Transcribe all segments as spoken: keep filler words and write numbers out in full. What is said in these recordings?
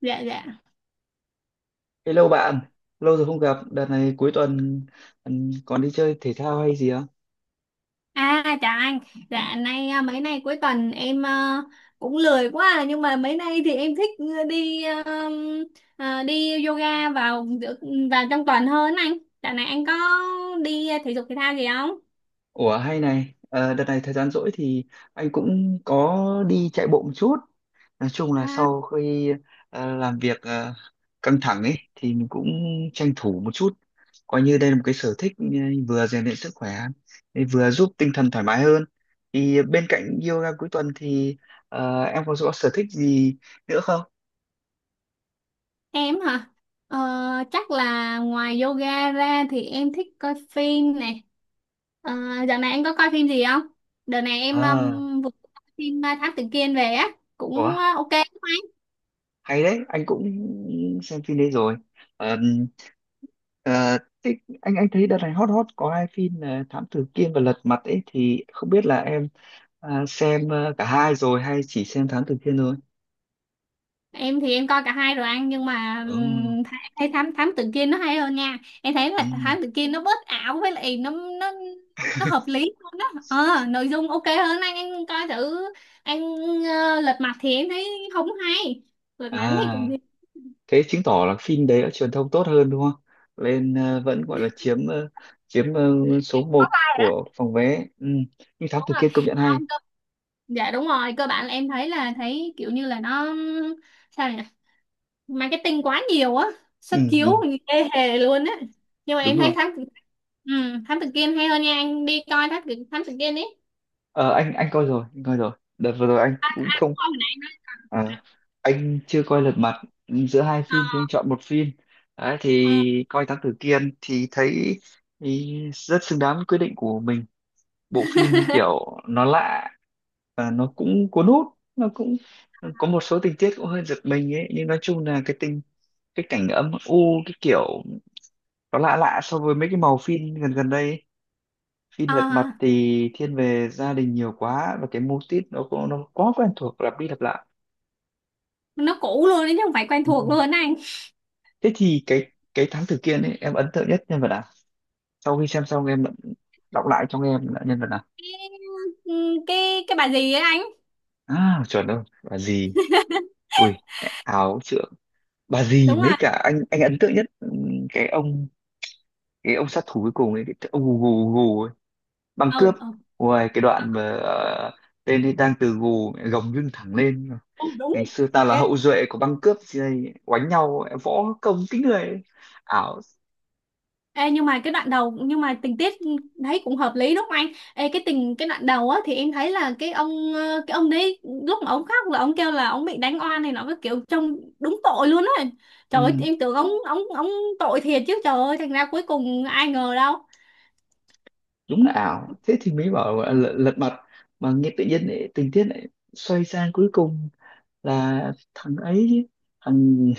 Dạ, dạ. Hello bạn, lâu rồi không gặp, đợt này cuối tuần ừm, còn đi chơi thể thao hay gì không? À, chào anh. Dạ, nay à, mấy nay cuối tuần em à, cũng lười quá à, nhưng mà mấy nay thì em thích à, đi à, à, đi yoga vào giữa vào trong tuần hơn anh. Dạo này anh có đi à, thể dục thể thao gì không? Ủa hay này, ờ, đợt này thời gian rỗi thì anh cũng có đi chạy bộ một chút. Nói chung là À, sau khi ờ, làm việc ờ, căng thẳng ấy thì mình cũng tranh thủ một chút. Coi như đây là một cái sở thích, ừ, vừa rèn luyện sức khỏe, vừa giúp tinh thần thoải mái hơn. Thì bên cạnh yoga cuối tuần thì ờ, em có có sở thích gì nữa không? em hả? Ờ, chắc là ngoài yoga ra thì em thích coi phim này. Ờ, dạo này anh có coi phim gì không? Đợt này em À, um, vừa coi phim à, Thám Tử Kiên về á, ủa? cũng à, ok. Hay đấy, anh cũng xem phim đấy rồi. Ờm, ờ, Thế anh anh thấy đợt này hot hot có hai phim là Thám Tử Kiên và Lật Mặt ấy, thì không biết là em à, xem ờ, cả hai rồi hay chỉ xem Thám Tử Kiên thôi? Em thì em coi cả hai rồi anh, nhưng mà Ừ. ừm, th- em thấy thám thám tử Kiên nó hay hơn nha. Em thấy là Ừ. thám tử Kiên nó bớt ảo, với lại nó nó nó hợp lý hơn đó. Ờ, nội dung ok hơn, anh anh coi thử anh. Ờ, Lật Mặt thì em thấy không hay. Lật Mặt em thấy kiểu À, gì. thế chứng tỏ là phim đấy đã truyền thông tốt hơn đúng không, lên ờ, vẫn gọi là chiếm ờ, chiếm ờ, Em số có một ba, của phòng vé. Ừ, nhưng Thám đúng Tử rồi, Kiên công nhận hay. không cơ. Dạ đúng rồi, cơ bản là em thấy là thấy kiểu như là nó, sao nhỉ, marketing quá nhiều á. Xuất Ừ, chiếu ừ. thì ê hề luôn á. Nhưng mà Đúng em rồi. thấy thám tử ừ, thám tử Kiên hay hơn nha, anh đi coi thám tử thám tử Kiên ấy. Ờ, anh anh coi rồi anh coi rồi, đợt vừa rồi anh cũng không. Coi hồi nãy anh nói Ờ, anh chưa coi Lật Mặt. Giữa hai phim à. thì anh chọn một phim đấy, Ờ. thì coi Thám Tử Kiên thì thấy thì rất xứng đáng với quyết định của mình. Bộ phim như kiểu nó lạ và nó cũng cuốn hút, nó cũng ờ, có một số tình tiết cũng hơi giật mình ấy, nhưng nói chung là cái tình cái cảnh âm u cái kiểu nó lạ lạ so với mấy cái màu phim gần gần đây ấy. Phim Ờ. Lật Mặt Ờ. thì thiên về gia đình nhiều quá, và cái mô típ nó cũng nó quá quen thuộc, lặp đi lặp lại. Nó cũ luôn đấy chứ không phải quen thuộc luôn á anh. Thế thì cái cái thám tử Kiên ấy, em ấn tượng nhất nhân vật nào, sau khi xem xong em đọc lại cho em là nhân vật nào? Ừ, cái cái bà gì ấy anh. À chuẩn rồi, bà dì, ui áo trượng, bà dì Đúng mấy rồi. cả, anh anh ấn tượng nhất ừm, cái ông, cái ông sát thủ cuối cùng ấy, cái ông gù gù gù ấy, băng cướp, Ừ, ừ. ngoài cái Ờ. đoạn mà ờ, tên ấy đang từ gù gồng lưng thẳng lên, Ừ, đúng. ngày xưa ta là hậu duệ của băng cướp gì đây, oánh nhau võ công kính người ấy. Ảo. Ê, nhưng mà cái đoạn đầu, nhưng mà tình tiết thấy cũng hợp lý đúng không anh? Ê, cái tình cái đoạn đầu á thì em thấy là cái ông ờ, cái ông đấy, lúc mà ông khóc là ông kêu là ông bị đánh oan này, nó cái kiểu trông đúng tội luôn á. Trời ơi Ừ, em tưởng ông ông ông tội thiệt chứ, trời ơi thành ra cuối cùng ai ngờ đâu. đúng là ảo, thế thì mới bảo là lật, Ừ. lật mặt, mà nghe tự nhiên lại, tình tiết lại xoay sang cuối cùng là thằng ấy chứ, thằng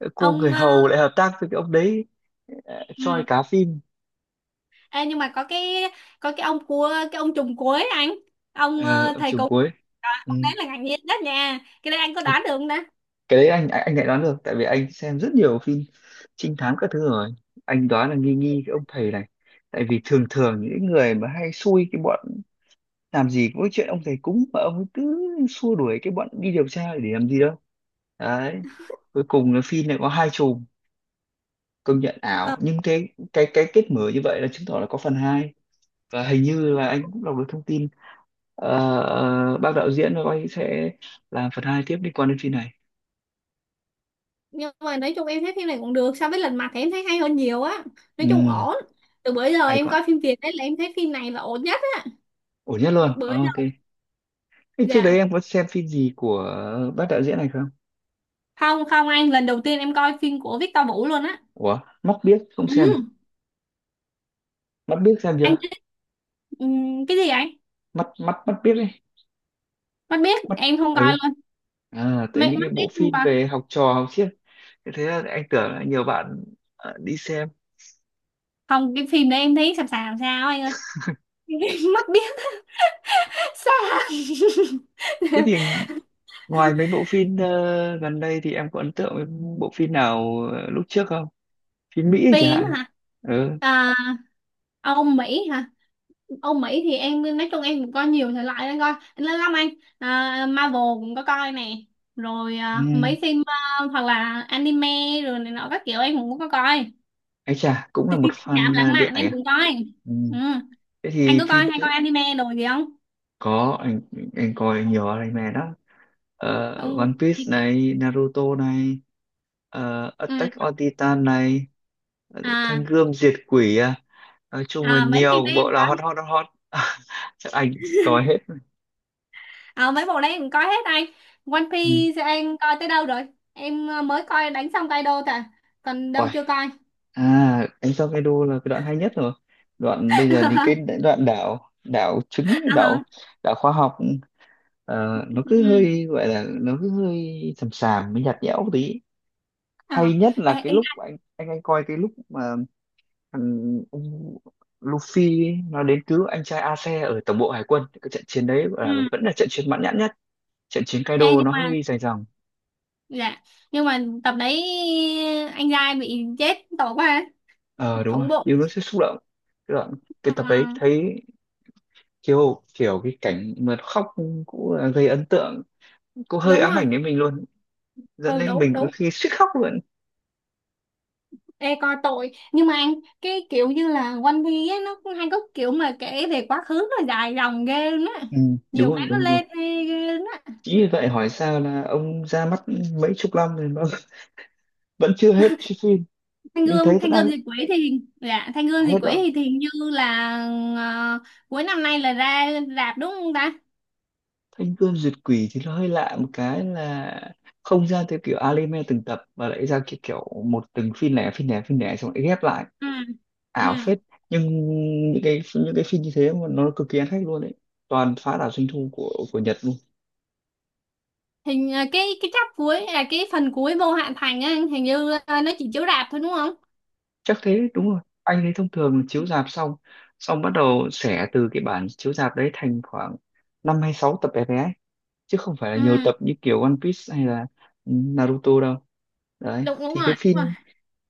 cô người Ông ờ. hầu lại hợp tác với cái ông đấy. ờ, choi Ừ. cá phim. Ê, nhưng mà có cái có cái ông cua cái ông trùm cuối anh. Ông ờ, ờ, Ở thầy trường cúng. cuối. Đó, Ừ. ông đấy là ngạc nhiên nhất nha. Cái đấy anh có Ờ, đoán được không ta? cái đấy anh anh, anh lại đoán được, tại vì anh xem rất nhiều phim trinh thám các thứ rồi. Anh đoán là nghi nghi cái ông thầy này, tại vì thường thường những người mà hay xui cái bọn, làm gì có cái chuyện ông thầy cúng mà ông ấy cứ xua đuổi cái bọn đi điều tra để làm gì đâu. Đấy, cuối cùng là phim này có hai chùm, công nhận ảo, Ờ. nhưng cái cái cái kết mở như vậy là chứng tỏ là có phần hai. Và hình như là anh cũng đọc được thông tin, uh, bác đạo diễn của anh sẽ làm phần hai tiếp liên quan đến phim này. Nhưng mà nói chung em thấy phim này cũng được, so với Lật Mặt thì em thấy hay hơn nhiều á, nói chung Ừ, ổn. Từ bữa giờ hay em quá, coi phim Việt đấy, là em thấy phim này là ổn nhất á ổn nhất luôn. bữa Ờ, ok. giờ. Thế trước đấy Dạ, em có xem phim gì của bác đạo diễn này không? không, không anh, lần đầu tiên em coi phim của Victor Vũ luôn á. Ủa, mắt biếc không xem? Ừ, Mắt biếc xem anh chưa? biết. Ừ, cái gì anh? Mắt mắt mắt biếc ấy. Mắt biết Mắt. em không coi Ừ. luôn. À tới mắt những cái mắt bộ biết không phim coi. về học trò học siếc, thế thế là anh tưởng là nhiều bạn ờ, đi xem. Không, cái phim đấy em thấy sàm sàm sao anh ơi. Mắt biết Thế sao. thì ngoài mấy bộ phim ờ, gần đây thì em có ấn tượng với bộ phim nào ờ, lúc trước không? Phim Mỹ chẳng Phim hạn. hả? Ừ. À, ông Mỹ hả? Âu Mỹ thì em, nói chung em cũng coi nhiều thể loại, em coi lớn lắm anh. À, Marvel cũng có coi nè, rồi à, Ừ. mấy phim à, hoặc là anime, rồi này nọ các kiểu em cũng có coi. Ấy chà, cũng là một Cảm fan lãng ờ, điện mạn ảnh em à? cũng coi. Ừ. Ừ. Thế Anh thì có coi, phim, hay coi anime đồ gì không? có anh anh coi nhiều anime đó. Ờ, Không, One Piece đi kiểu. này, Naruto này, ờ, Ừ. Attack on Titan này, Thanh À. Gươm Diệt Quỷ à. Nói chung là À, mấy phim nhiều đấy em bộ cũng là hot coi. hot hot hot. Chắc anh coi hết. À, mấy bộ đấy em cũng coi hết anh. One Ừ. Piece em coi tới đâu rồi? Em à, mới coi đánh xong Kaido thôi à, còn Ôi, đâu chưa coi. à anh Sao đô là cái đoạn hay nhất rồi, đoạn bây giờ đi cái đoạn đảo đảo trứng, cái đảo, À. đảo khoa học, ờ, nó cứ Ừ. hơi gọi là nó cứ hơi sầm sàm mới nhạt nhẽo một tí. Ờ. Ờ. Hay nhất là Ờ. Ờ. Ê, cái ê, lúc anh anh anh coi cái lúc mà thằng ông Luffy ấy, nó đến cứu anh trai Ace ở tổng bộ hải quân, cái trận chiến đấy gọi là ừ. vẫn là trận chiến mãn nhãn nhất. Trận chiến Ê Kaido nhưng nó mà, hơi dài dòng. dạ, nhưng mà tập đấy anh giai bị chết tội quá, Ờ đúng rồi, thủng bụng. nhưng nó sẽ xúc động, cái đoạn Ờ, cái tập đấy thấy kiểu kiểu cái cảnh mà khóc cũng là gây ấn tượng, cũng hơi đúng ám rồi. ảnh đến mình luôn, dẫn Ừ, đến đúng, mình có đúng. khi suýt khóc luôn. Ê coi tội nhưng mà anh, cái kiểu như là One Piece ấy, nó cũng hay có kiểu mà kể về quá khứ, nó dài dòng ghê luôn á. ừ, đúng Nhiều rồi cái đúng nó rồi đúng rồi lên ghê ghê luôn á. Chính vì vậy hỏi sao là ông ra mắt mấy chục năm rồi mà vẫn chưa hết chiếc phim. Thanh Nhưng Gươm thấy đã Thanh Gươm đang Diệt Quỷ thì dạ, Thanh Gươm hết Diệt Quỷ rồi. thì thì hình như là ờ, cuối năm nay là ra rạp đúng không ta? Thanh Gươm Duyệt Quỷ thì nó hơi lạ một cái là không ra theo kiểu anime từng tập, mà lại ra kiểu kiểu một từng phim lẻ phim lẻ phim lẻ xong lại ghép lại. Ừ. Ừ. Ảo phết. Nhưng những cái những cái phim như thế mà nó cực kỳ ăn khách luôn đấy, toàn phá đảo doanh thu của của Nhật. Hình à, cái cái chap cuối, à cái phần cuối vô hạn thành á, hình như à, nó chỉ chiếu rạp thôi đúng không? Chắc thế, đúng rồi anh ấy, thông thường là chiếu rạp xong, xong bắt đầu xẻ từ cái bản chiếu rạp đấy thành khoảng năm hay sáu tập bé bé ấy, chứ không phải là nhiều Ừ, tập như kiểu One Piece hay là Naruto đâu. Đấy đúng, đúng thì rồi, cái đúng phim, rồi,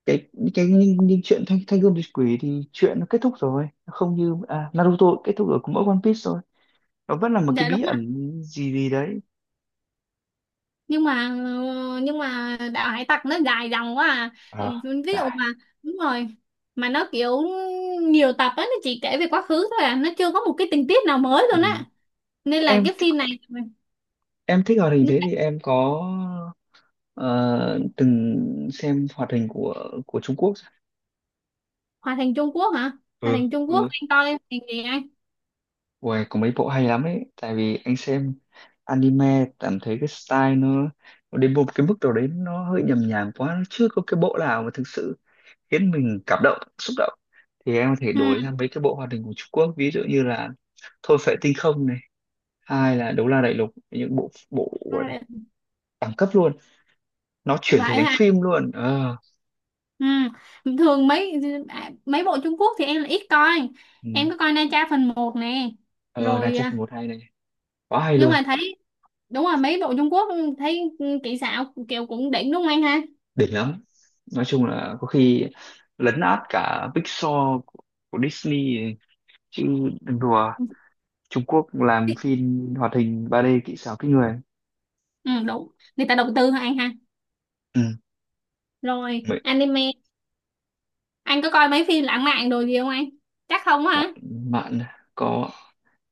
cái cái những, những chuyện thanh thanh gươm diệt quỷ thì chuyện nó kết thúc rồi. Nó không như à, Naruto kết thúc ở của mỗi One Piece rồi, nó vẫn là một cái dạ đúng bí rồi. ẩn gì gì đấy. nhưng mà ờ, nhưng mà đạo hải tặc nó dài dòng quá à. Ví Ờ dụ dài. mà. Đúng rồi. Mà nó kiểu nhiều tập á, nó chỉ kể về quá khứ thôi à, nó chưa có một cái tình tiết nào mới Ừ. luôn á. Nên Thế là em cái phim này. em thích hoạt hình, Nên thế là. thì em có ờ, từng xem hoạt hình của của Trung Quốc chưa? Hòa thành Trung Quốc hả? Hòa Ừ thành Trung đúng Quốc rồi. anh coi thành gì anh? Uầy, có mấy bộ hay lắm ấy, tại vì anh xem anime cảm thấy cái style nó, nó đến một cái mức độ đấy nó hơi nhầm nhàng quá, nó chưa có cái bộ nào mà thực sự khiến mình cảm động xúc động, thì em có thể đổi Ừ. sang mấy cái bộ hoạt hình của Trung Quốc, ví dụ như là Thôi Phệ Tinh Không này, hai là Đấu La Đại Lục, những bộ bộ đẳng cấp luôn, nó chuyển thể Vậy thành hả? phim luôn. Ờ, Ừ. Thường mấy à, mấy bộ Trung Quốc thì em là ít coi. ừ. Em có coi Na Tra phần một nè, Ờ rồi Nigel phần à, một hay này, quá hay nhưng luôn. mà thấy đúng là mấy bộ Trung Quốc thấy ừ, kỹ xảo kiểu cũng đỉnh đúng không anh ha? Đỉnh lắm, nói chung là có khi lấn át cả Pixar của, của Disney ấy. Chứ đừng đùa, Trung Quốc làm phim hoạt hình ba d kỹ xảo kinh người. Ừ, đúng, người ta đầu tư hả anh ha? Ừ. Rồi Vậy anime. Anh có coi mấy phim lãng mạn đồ gì không anh? Chắc không bạn, hả? bạn có,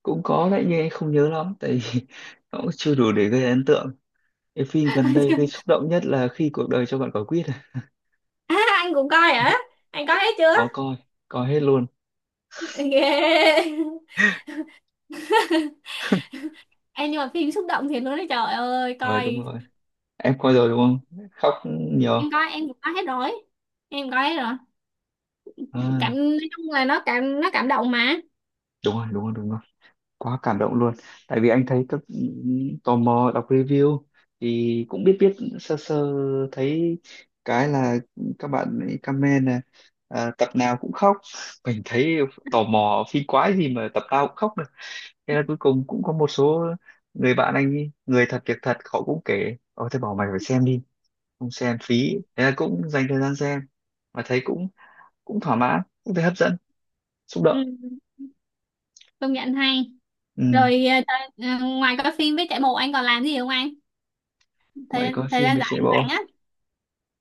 cũng có đấy nhưng em không nhớ lắm tại vì nó cũng chưa đủ để gây ấn tượng. Cái phim gần Coi đây chưa? gây xúc động nhất là khi cuộc đời cho bạn quả quýt à. À, anh cũng coi hả? Anh coi hết chưa? Có coi, coi hết luôn. Ghê. Em nhưng mà phim xúc động thì luôn đấy, trời ơi Ờ đúng coi. rồi, em coi rồi đúng không, khóc nhiều. Em coi em cũng coi hết rồi, em coi hết rồi. À, cảm Nói chung là nó cảm nó cảm động mà. đúng rồi đúng rồi đúng rồi quá cảm động luôn. Tại vì anh thấy các, ừ, tò mò đọc review thì cũng biết biết sơ sơ, thấy cái là các bạn ấy comment là à, tập nào cũng khóc, mình thấy tò mò phi quái gì mà tập nào cũng khóc được, thế là cuối cùng cũng có một số người bạn anh ấy, người thật việc thật họ cũng kể, ôi thế bảo mày phải xem đi, không xem phí, thế là cũng dành thời gian xem, mà thấy cũng cũng thỏa mãn, cũng thấy hấp dẫn, xúc Ừ. động. Công nhận hay. Ừ. Rồi ờ, thời- ờ, ngoài coi phim với chạy bộ anh còn làm gì không anh? Ngoại thời coi thời phim gian với trẻ rảnh bộ, rảnh á.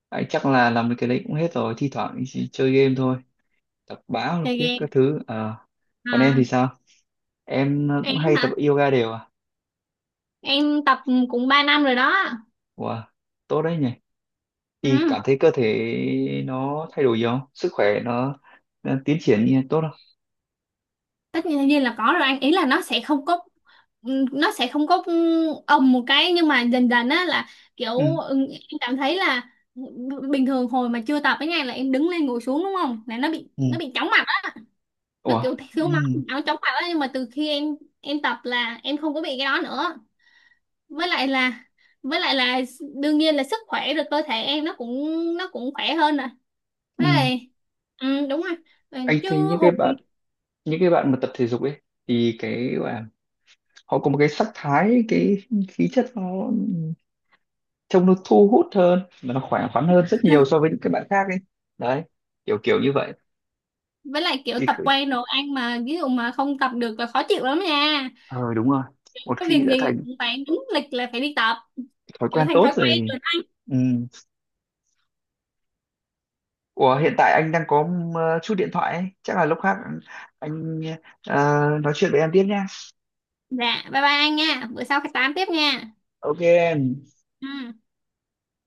ấy, chắc là làm được cái đấy cũng hết rồi, thi thoảng chỉ chơi game thôi, đọc báo đọc Chơi viết game. các thứ. Ờ, còn em À, thì sao, em em cũng hay tập hả? yoga đều à? Em tập cũng ba năm rồi đó. Wow, tốt đấy nhỉ, thì cảm Ừ. thấy cơ thể nó thay đổi gì không, sức khỏe nó, nó tiến triển như tốt không? tất nhiên nhiên là có rồi anh, ý là nó sẽ không có ừ, nó sẽ không có ừ, ầm một cái, nhưng mà dần dần á là kiểu Ừ. ừ, em cảm thấy là b- bình thường hồi mà chưa tập ấy nha, là em đứng lên ngồi xuống đúng không, là nó bị Ừ. nó bị chóng mặt. Nó Ủa. kiểu Ừ. thiếu máu, áo chóng mặt đó, nhưng mà từ khi em em tập là em không có bị cái đó nữa. Với lại là với lại là đương nhiên là sức khỏe rồi, cơ thể em nó cũng nó cũng khỏe hơn rồi. Với Ừ. lại ừ, đúng rồi. Ừ, Anh chứ thấy những cái hồi bạn, những cái bạn mà tập thể dục ấy, thì cái gọi là họ có một cái sắc thái, cái khí chất nó trông nó thu hút hơn, nó khỏe khoắn hơn rất nhiều so với những cái bạn khác ấy, đấy, kiểu kiểu như vậy. với lại kiểu thì tập khử- quen rồi ăn, mà ví dụ mà không tập được là khó chịu lắm nha. ờ đúng rồi, một Có việc khi đã gì thành cũng phải đúng lịch là phải đi tập, thói kiểu quen thành tốt thói quen rồi. rồi anh. Ừ. Ủa hiện tại anh đang có ờ, chút điện thoại ấy. Chắc là lúc khác anh ờ, nói chuyện với em tiếp nha. Dạ bye bye anh nha, bữa sau phải tám tiếp nha. Ok em. Ừ.